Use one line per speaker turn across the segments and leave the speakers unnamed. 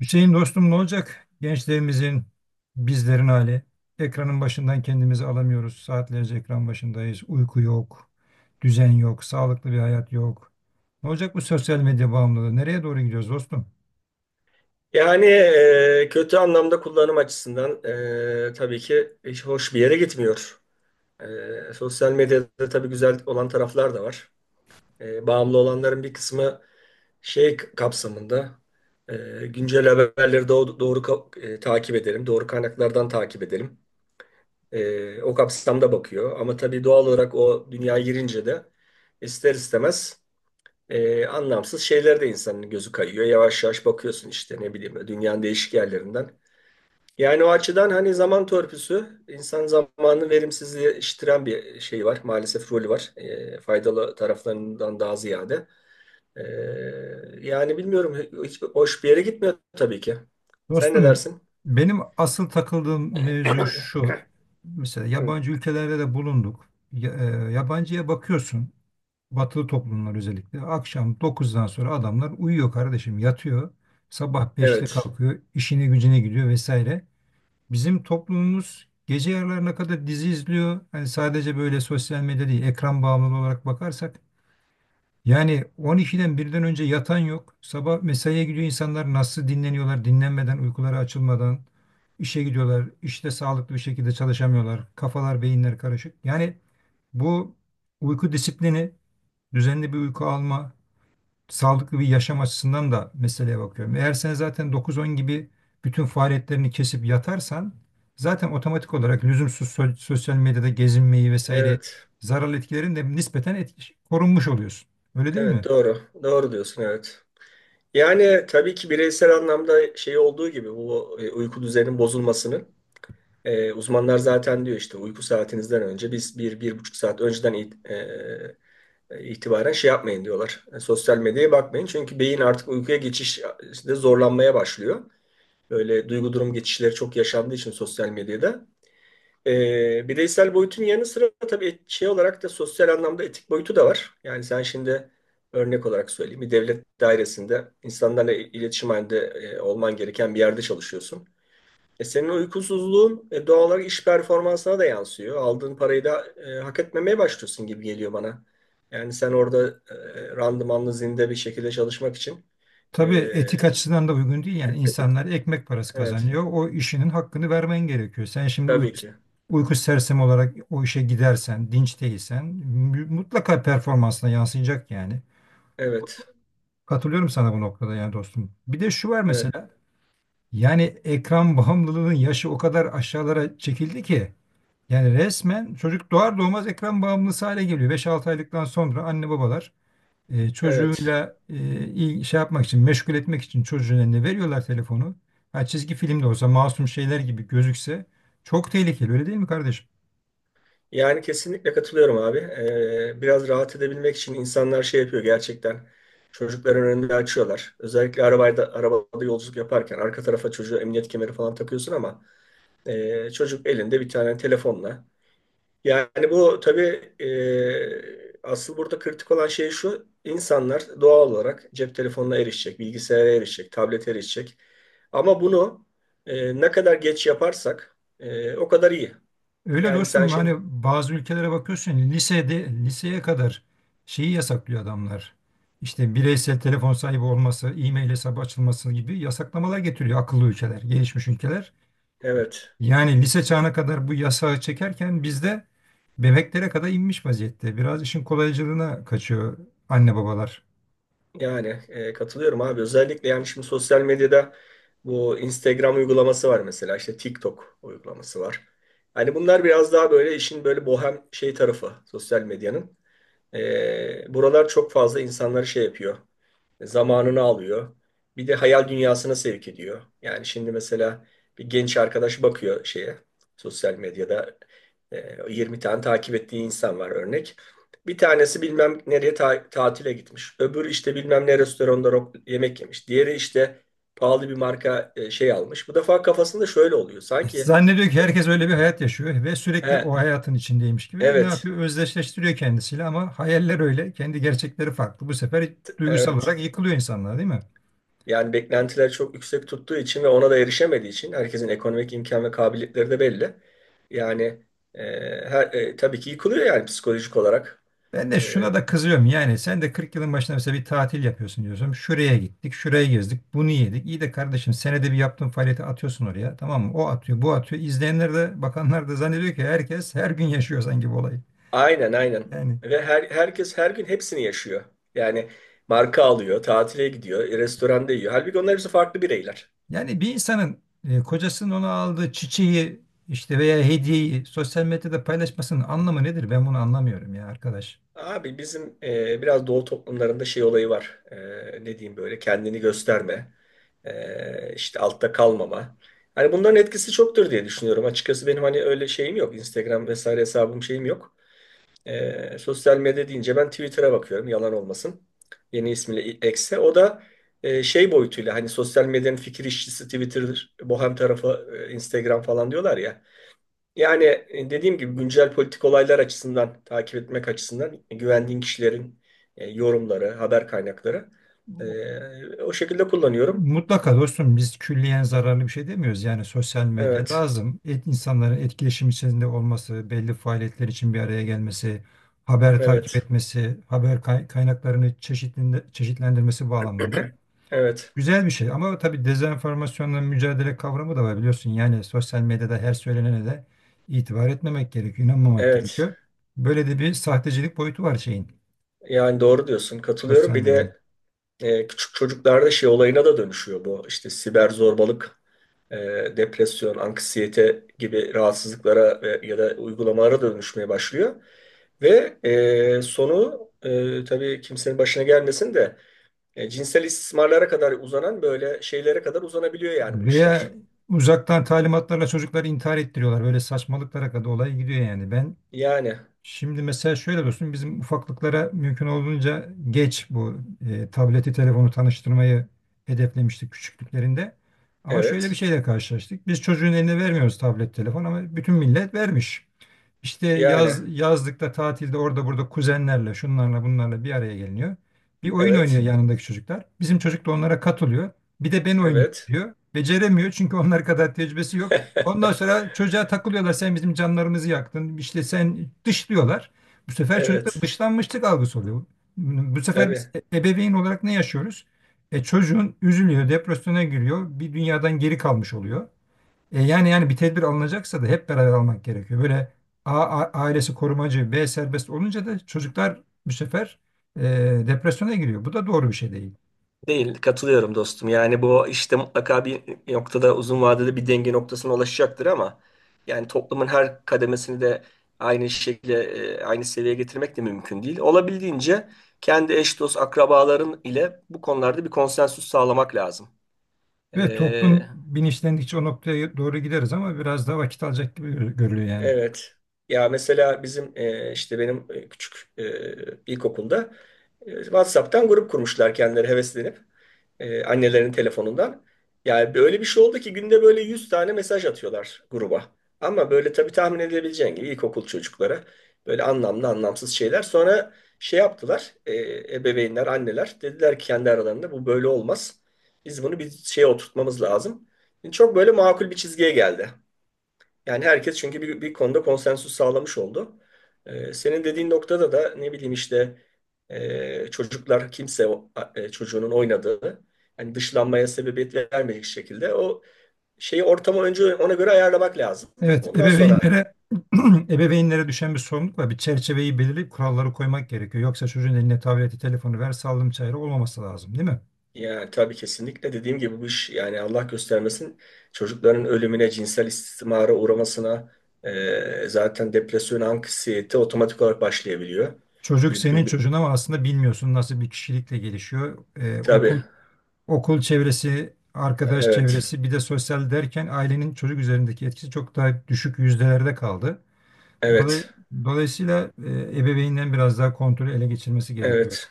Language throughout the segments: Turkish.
Hüseyin dostum ne olacak? Gençlerimizin, bizlerin hali. Ekranın başından kendimizi alamıyoruz. Saatlerce ekran başındayız. Uyku yok, düzen yok, sağlıklı bir hayat yok. Ne olacak bu sosyal medya bağımlılığı? Nereye doğru gidiyoruz dostum?
Yani kötü anlamda kullanım açısından tabii ki hiç hoş bir yere gitmiyor. Sosyal medyada tabii güzel olan taraflar da var. Bağımlı olanların bir kısmı şey kapsamında güncel haberleri doğru, takip edelim, doğru kaynaklardan takip edelim. O kapsamda bakıyor. Ama tabii doğal olarak o dünyaya girince de ister istemez anlamsız şeylere de insanın gözü kayıyor. Yavaş yavaş bakıyorsun işte ne bileyim dünyanın değişik yerlerinden. Yani o açıdan hani zaman törpüsü, insan zamanını verimsizleştiren bir şey var. Maalesef rolü var. Faydalı taraflarından daha ziyade. E, Yani bilmiyorum, hiç hoş bir yere gitmiyor tabii ki. Sen ne
Dostum
dersin?
benim asıl takıldığım mevzu şu. Mesela
Hı.
yabancı ülkelerde de bulunduk. Ya- yabancıya bakıyorsun. Batılı toplumlar özellikle. Akşam 9'dan sonra adamlar uyuyor kardeşim, yatıyor. Sabah 5'te
Evet,
kalkıyor, işine gücüne gidiyor vesaire. Bizim toplumumuz gece yarılarına kadar dizi izliyor. Hani sadece böyle sosyal medya değil, ekran bağımlılığı olarak bakarsak yani 12'den birden önce yatan yok. Sabah mesaiye gidiyor insanlar nasıl dinleniyorlar dinlenmeden, uykuları açılmadan işe gidiyorlar. İşte sağlıklı bir şekilde çalışamıyorlar. Kafalar, beyinler karışık. Yani bu uyku disiplini, düzenli bir uyku alma, sağlıklı bir yaşam açısından da meseleye bakıyorum. Eğer sen zaten 9-10 gibi bütün faaliyetlerini kesip yatarsan zaten otomatik olarak lüzumsuz sosyal medyada gezinmeyi vesaire
evet,
zararlı etkilerin de nispeten korunmuş oluyorsun. Öyle değil
evet,
mi?
doğru. Doğru diyorsun, evet. Yani tabii ki bireysel anlamda şey olduğu gibi bu uyku düzeninin bozulmasının uzmanlar zaten diyor işte uyku saatinizden önce biz bir buçuk saat önceden itibaren şey yapmayın diyorlar. Sosyal medyaya bakmayın. Çünkü beyin artık uykuya geçişte zorlanmaya başlıyor. Böyle duygu durum geçişleri çok yaşandığı için sosyal medyada. Bireysel boyutun yanı sıra tabii şey olarak da sosyal anlamda etik boyutu da var. Yani sen şimdi örnek olarak söyleyeyim. Bir devlet dairesinde insanlarla iletişim halinde olman gereken bir yerde çalışıyorsun. E senin uykusuzluğun doğal olarak iş performansına da yansıyor. Aldığın parayı da hak etmemeye başlıyorsun gibi geliyor bana. Yani sen orada randımanlı zinde bir şekilde çalışmak için.
Tabii etik
e,
açısından da uygun değil yani insanlar ekmek parası
evet,
kazanıyor. O işinin hakkını vermen gerekiyor. Sen şimdi uyku,
tabii ki.
uyku sersemi olarak o işe gidersen, dinç değilsen mutlaka performansına yansıyacak yani.
Evet,
Katılıyorum sana bu noktada yani dostum. Bir de şu var
evet,
mesela yani ekran bağımlılığının yaşı o kadar aşağılara çekildi ki yani resmen çocuk doğar doğmaz ekran bağımlısı hale geliyor. Beş altı aylıktan sonra anne babalar
evet.
çocuğuyla şey yapmak için, meşgul etmek için çocuğun eline veriyorlar telefonu. Ha, çizgi film de olsa masum şeyler gibi gözükse çok tehlikeli öyle değil mi kardeşim?
Yani kesinlikle katılıyorum abi. Biraz rahat edebilmek için insanlar şey yapıyor gerçekten. Çocukların önünde açıyorlar. Özellikle arabada yolculuk yaparken arka tarafa çocuğa emniyet kemeri falan takıyorsun ama çocuk elinde bir tane telefonla. Yani bu tabii asıl burada kritik olan şey şu. İnsanlar doğal olarak cep telefonuna erişecek, bilgisayara erişecek, tablete erişecek. Ama bunu ne kadar geç yaparsak o kadar iyi.
Öyle
Yani sen
dostum hani
şimdi
bazı ülkelere bakıyorsun lisede liseye kadar şeyi yasaklıyor adamlar. İşte bireysel telefon sahibi olması, e-mail hesabı açılması gibi yasaklamalar getiriyor akıllı ülkeler, gelişmiş ülkeler.
evet,
Yani lise çağına kadar bu yasağı çekerken bizde bebeklere kadar inmiş vaziyette. Biraz işin kolaycılığına kaçıyor anne babalar.
yani katılıyorum abi. Özellikle yani şimdi sosyal medyada bu Instagram uygulaması var mesela işte TikTok uygulaması var. Hani bunlar biraz daha böyle işin böyle bohem şey tarafı sosyal medyanın. Buralar çok fazla insanları şey yapıyor. Zamanını alıyor. Bir de hayal dünyasına sevk ediyor. Yani şimdi mesela bir genç arkadaş bakıyor şeye sosyal medyada 20 tane takip ettiği insan var örnek. Bir tanesi bilmem nereye tatile gitmiş. Öbürü işte bilmem ne restoranda yemek yemiş. Diğeri işte pahalı bir marka şey almış. Bu defa kafasında şöyle oluyor. Sanki
Zannediyor ki herkes öyle bir hayat yaşıyor ve sürekli
he,
o hayatın içindeymiş gibi ne
evet,
yapıyor? Özdeşleştiriyor kendisiyle ama hayaller öyle, kendi gerçekleri farklı. Bu sefer duygusal
evet.
olarak yıkılıyor insanlar, değil mi?
Yani beklentiler çok yüksek tuttuğu için ve ona da erişemediği için herkesin ekonomik imkan ve kabiliyetleri de belli. Yani e, tabii ki yıkılıyor yani psikolojik olarak.
Ben de
E,
şuna da kızıyorum yani sen de 40 yılın başında mesela bir tatil yapıyorsun diyorsun. Şuraya gittik, şuraya gezdik, bunu yedik. İyi de kardeşim senede bir yaptığın faaliyeti atıyorsun oraya tamam mı? O atıyor, bu atıyor. İzleyenler de bakanlar da zannediyor ki herkes her gün yaşıyor sanki bu olayı.
aynen aynen.
Yani
Ve herkes her gün hepsini yaşıyor. Yani marka alıyor, tatile gidiyor, restoranda yiyor. Halbuki onlar hepsi farklı bireyler.
yani bir insanın kocasının ona aldığı çiçeği işte veya hediyeyi sosyal medyada paylaşmasının anlamı nedir? Ben bunu anlamıyorum ya arkadaş.
Abi bizim biraz doğu toplumlarında şey olayı var. Ne diyeyim böyle kendini gösterme. İşte altta kalmama. Hani bunların etkisi çoktur diye düşünüyorum. Açıkçası benim hani öyle şeyim yok. Instagram vesaire hesabım şeyim yok. Sosyal medya deyince ben Twitter'a bakıyorum. Yalan olmasın. Yeni ismiyle X'e. O da şey boyutuyla hani sosyal medyanın fikir işçisi Twitter'dır. Bohem tarafı Instagram falan diyorlar ya. Yani dediğim gibi güncel politik olaylar açısından takip etmek açısından güvendiğin kişilerin yorumları, haber kaynakları o şekilde kullanıyorum.
Mutlaka dostum biz külliyen zararlı bir şey demiyoruz. Yani sosyal medya
Evet,
lazım. İnsanların etkileşim içerisinde olması, belli faaliyetler için bir araya gelmesi, haber takip
evet,
etmesi, haber kaynaklarını çeşitlendirmesi bağlamında
evet,
güzel bir şey. Ama tabii dezenformasyonla mücadele kavramı da var biliyorsun. Yani sosyal medyada her söylenene de itibar etmemek gerekiyor, inanmamak
evet.
gerekiyor. Böyle de bir sahtecilik boyutu var şeyin,
Yani doğru diyorsun, katılıyorum.
sosyal
Bir
medyanın.
de küçük çocuklarda şey olayına da dönüşüyor bu. İşte siber zorbalık, e, depresyon, anksiyete gibi rahatsızlıklara ya da uygulamalara da dönüşmeye başlıyor. Ve sonu tabii kimsenin başına gelmesin de. Cinsel istismarlara kadar uzanan böyle şeylere kadar uzanabiliyor yani bu işler.
Veya uzaktan talimatlarla çocukları intihar ettiriyorlar. Böyle saçmalıklara kadar olay gidiyor yani. Ben
Yani
şimdi mesela şöyle dostum bizim ufaklıklara mümkün olduğunca geç bu tableti telefonu tanıştırmayı hedeflemiştik küçüklüklerinde. Ama şöyle bir
evet.
şeyle karşılaştık. Biz çocuğun eline vermiyoruz tablet telefon ama bütün millet vermiş. İşte
Yani
yaz yazlıkta tatilde orada burada kuzenlerle şunlarla bunlarla bir araya geliniyor. Bir oyun oynuyor
evet.
yanındaki çocuklar. Bizim çocuk da onlara katılıyor. Bir de ben oynayayım
Evet.
diyor. Beceremiyor çünkü onlar kadar tecrübesi yok. Ondan sonra çocuğa takılıyorlar. Sen bizim canlarımızı yaktın. İşte sen dışlıyorlar. Bu sefer çocukta
Evet.
dışlanmışlık algısı oluyor. Bu sefer biz
Tabii.
ebeveyn olarak ne yaşıyoruz? Çocuğun üzülüyor, depresyona giriyor, bir dünyadan geri kalmış oluyor. Yani bir tedbir alınacaksa da hep beraber almak gerekiyor. Böyle A, ailesi korumacı, B serbest olunca da çocuklar bu sefer e, depresyona giriyor. Bu da doğru bir şey değil.
Değil, katılıyorum dostum. Yani bu işte mutlaka bir noktada uzun vadede bir denge noktasına ulaşacaktır ama yani toplumun her kademesini de aynı şekilde aynı seviyeye getirmek de mümkün değil. Olabildiğince kendi eş dost akrabaların ile bu konularda bir konsensüs sağlamak lazım.
Ve
E,
toplum bilinçlendikçe o noktaya doğru gideriz ama biraz daha vakit alacak gibi görülüyor yani.
Evet. Ya mesela bizim işte benim ilkokulda WhatsApp'tan grup kurmuşlar kendileri heveslenip annelerinin telefonundan. Yani böyle bir şey oldu ki günde böyle 100 tane mesaj atıyorlar gruba. Ama böyle tabii tahmin edebileceğin gibi ilkokul çocuklara böyle anlamlı anlamsız şeyler. Sonra şey yaptılar, ebeveynler, anneler dediler ki kendi aralarında bu böyle olmaz. Biz bunu bir şeye oturtmamız lazım. Çok böyle makul bir çizgiye geldi. Yani herkes çünkü bir konuda konsensus sağlamış oldu. Senin dediğin noktada da ne bileyim işte çocuklar kimse çocuğunun oynadığı yani dışlanmaya sebebiyet vermeyecek şekilde o şeyi ortamı önce ona göre ayarlamak lazım.
Evet,
Ondan sonra
ebeveynlere ebeveynlere düşen bir sorumluluk var. Bir çerçeveyi belirleyip kuralları koymak gerekiyor. Yoksa çocuğun eline tableti, telefonu ver, sallım çayırı olmaması lazım, değil mi?
yani tabii kesinlikle dediğim gibi bu iş yani Allah göstermesin çocukların ölümüne, cinsel istismara uğramasına zaten depresyon, anksiyete otomatik olarak başlayabiliyor.
Çocuk
Bir,
senin
bir, bir-
çocuğun ama aslında bilmiyorsun nasıl bir kişilikle gelişiyor.
tabii
Okul çevresi, arkadaş
evet,
çevresi, bir de sosyal derken ailenin çocuk üzerindeki etkisi çok daha düşük yüzdelerde kaldı. Dolay-
evet.
Dolayısıyla ebeveynden biraz daha kontrolü ele geçirmesi gerekiyor.
Evet.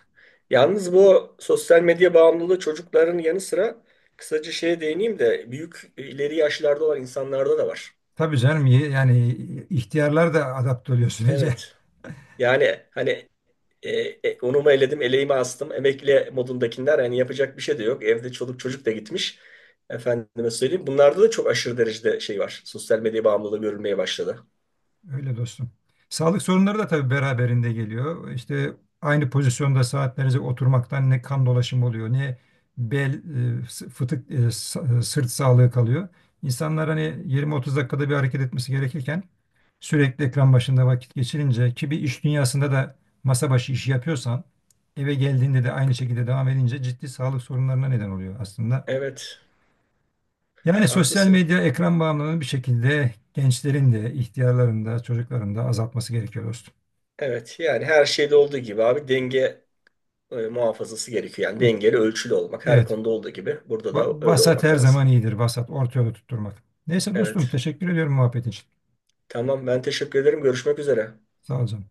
Yalnız bu sosyal medya bağımlılığı çocukların yanı sıra kısaca şeye değineyim de büyük ileri yaşlarda olan insanlarda da var.
Tabii canım yani ihtiyarlar da adapte oluyor sürece.
Evet. Yani hani e, unumu eledim, eleğimi astım, emekli modundakiler yani yapacak bir şey de yok. Evde çoluk çocuk da gitmiş. Efendime söyleyeyim. Bunlarda da çok aşırı derecede şey var. Sosyal medya bağımlılığı görülmeye başladı.
Öyle dostum. Sağlık sorunları da tabii beraberinde geliyor. İşte aynı pozisyonda saatlerce oturmaktan ne kan dolaşımı oluyor, ne bel, fıtık, sırt sağlığı kalıyor. İnsanlar hani 20-30 dakikada bir hareket etmesi gerekirken sürekli ekran başında vakit geçirince ki bir iş dünyasında da masa başı işi yapıyorsan eve geldiğinde de aynı şekilde devam edince ciddi sağlık sorunlarına neden oluyor aslında.
Evet.
Yani sosyal
Haklısın.
medya ekran bağımlılığını bir şekilde gençlerin de, ihtiyarların da, çocukların da azaltması gerekiyor dostum.
Evet. Yani her şeyde olduğu gibi abi denge muhafazası gerekiyor. Yani
Evet,
dengeli ölçülü olmak her
evet.
konuda olduğu gibi burada da öyle
Vasat
olmak
her
lazım.
zaman iyidir, vasat, orta yolu tutturmak. Neyse dostum,
Evet.
teşekkür ediyorum muhabbetin için.
Tamam, ben teşekkür ederim. Görüşmek üzere.
Sağ ol canım.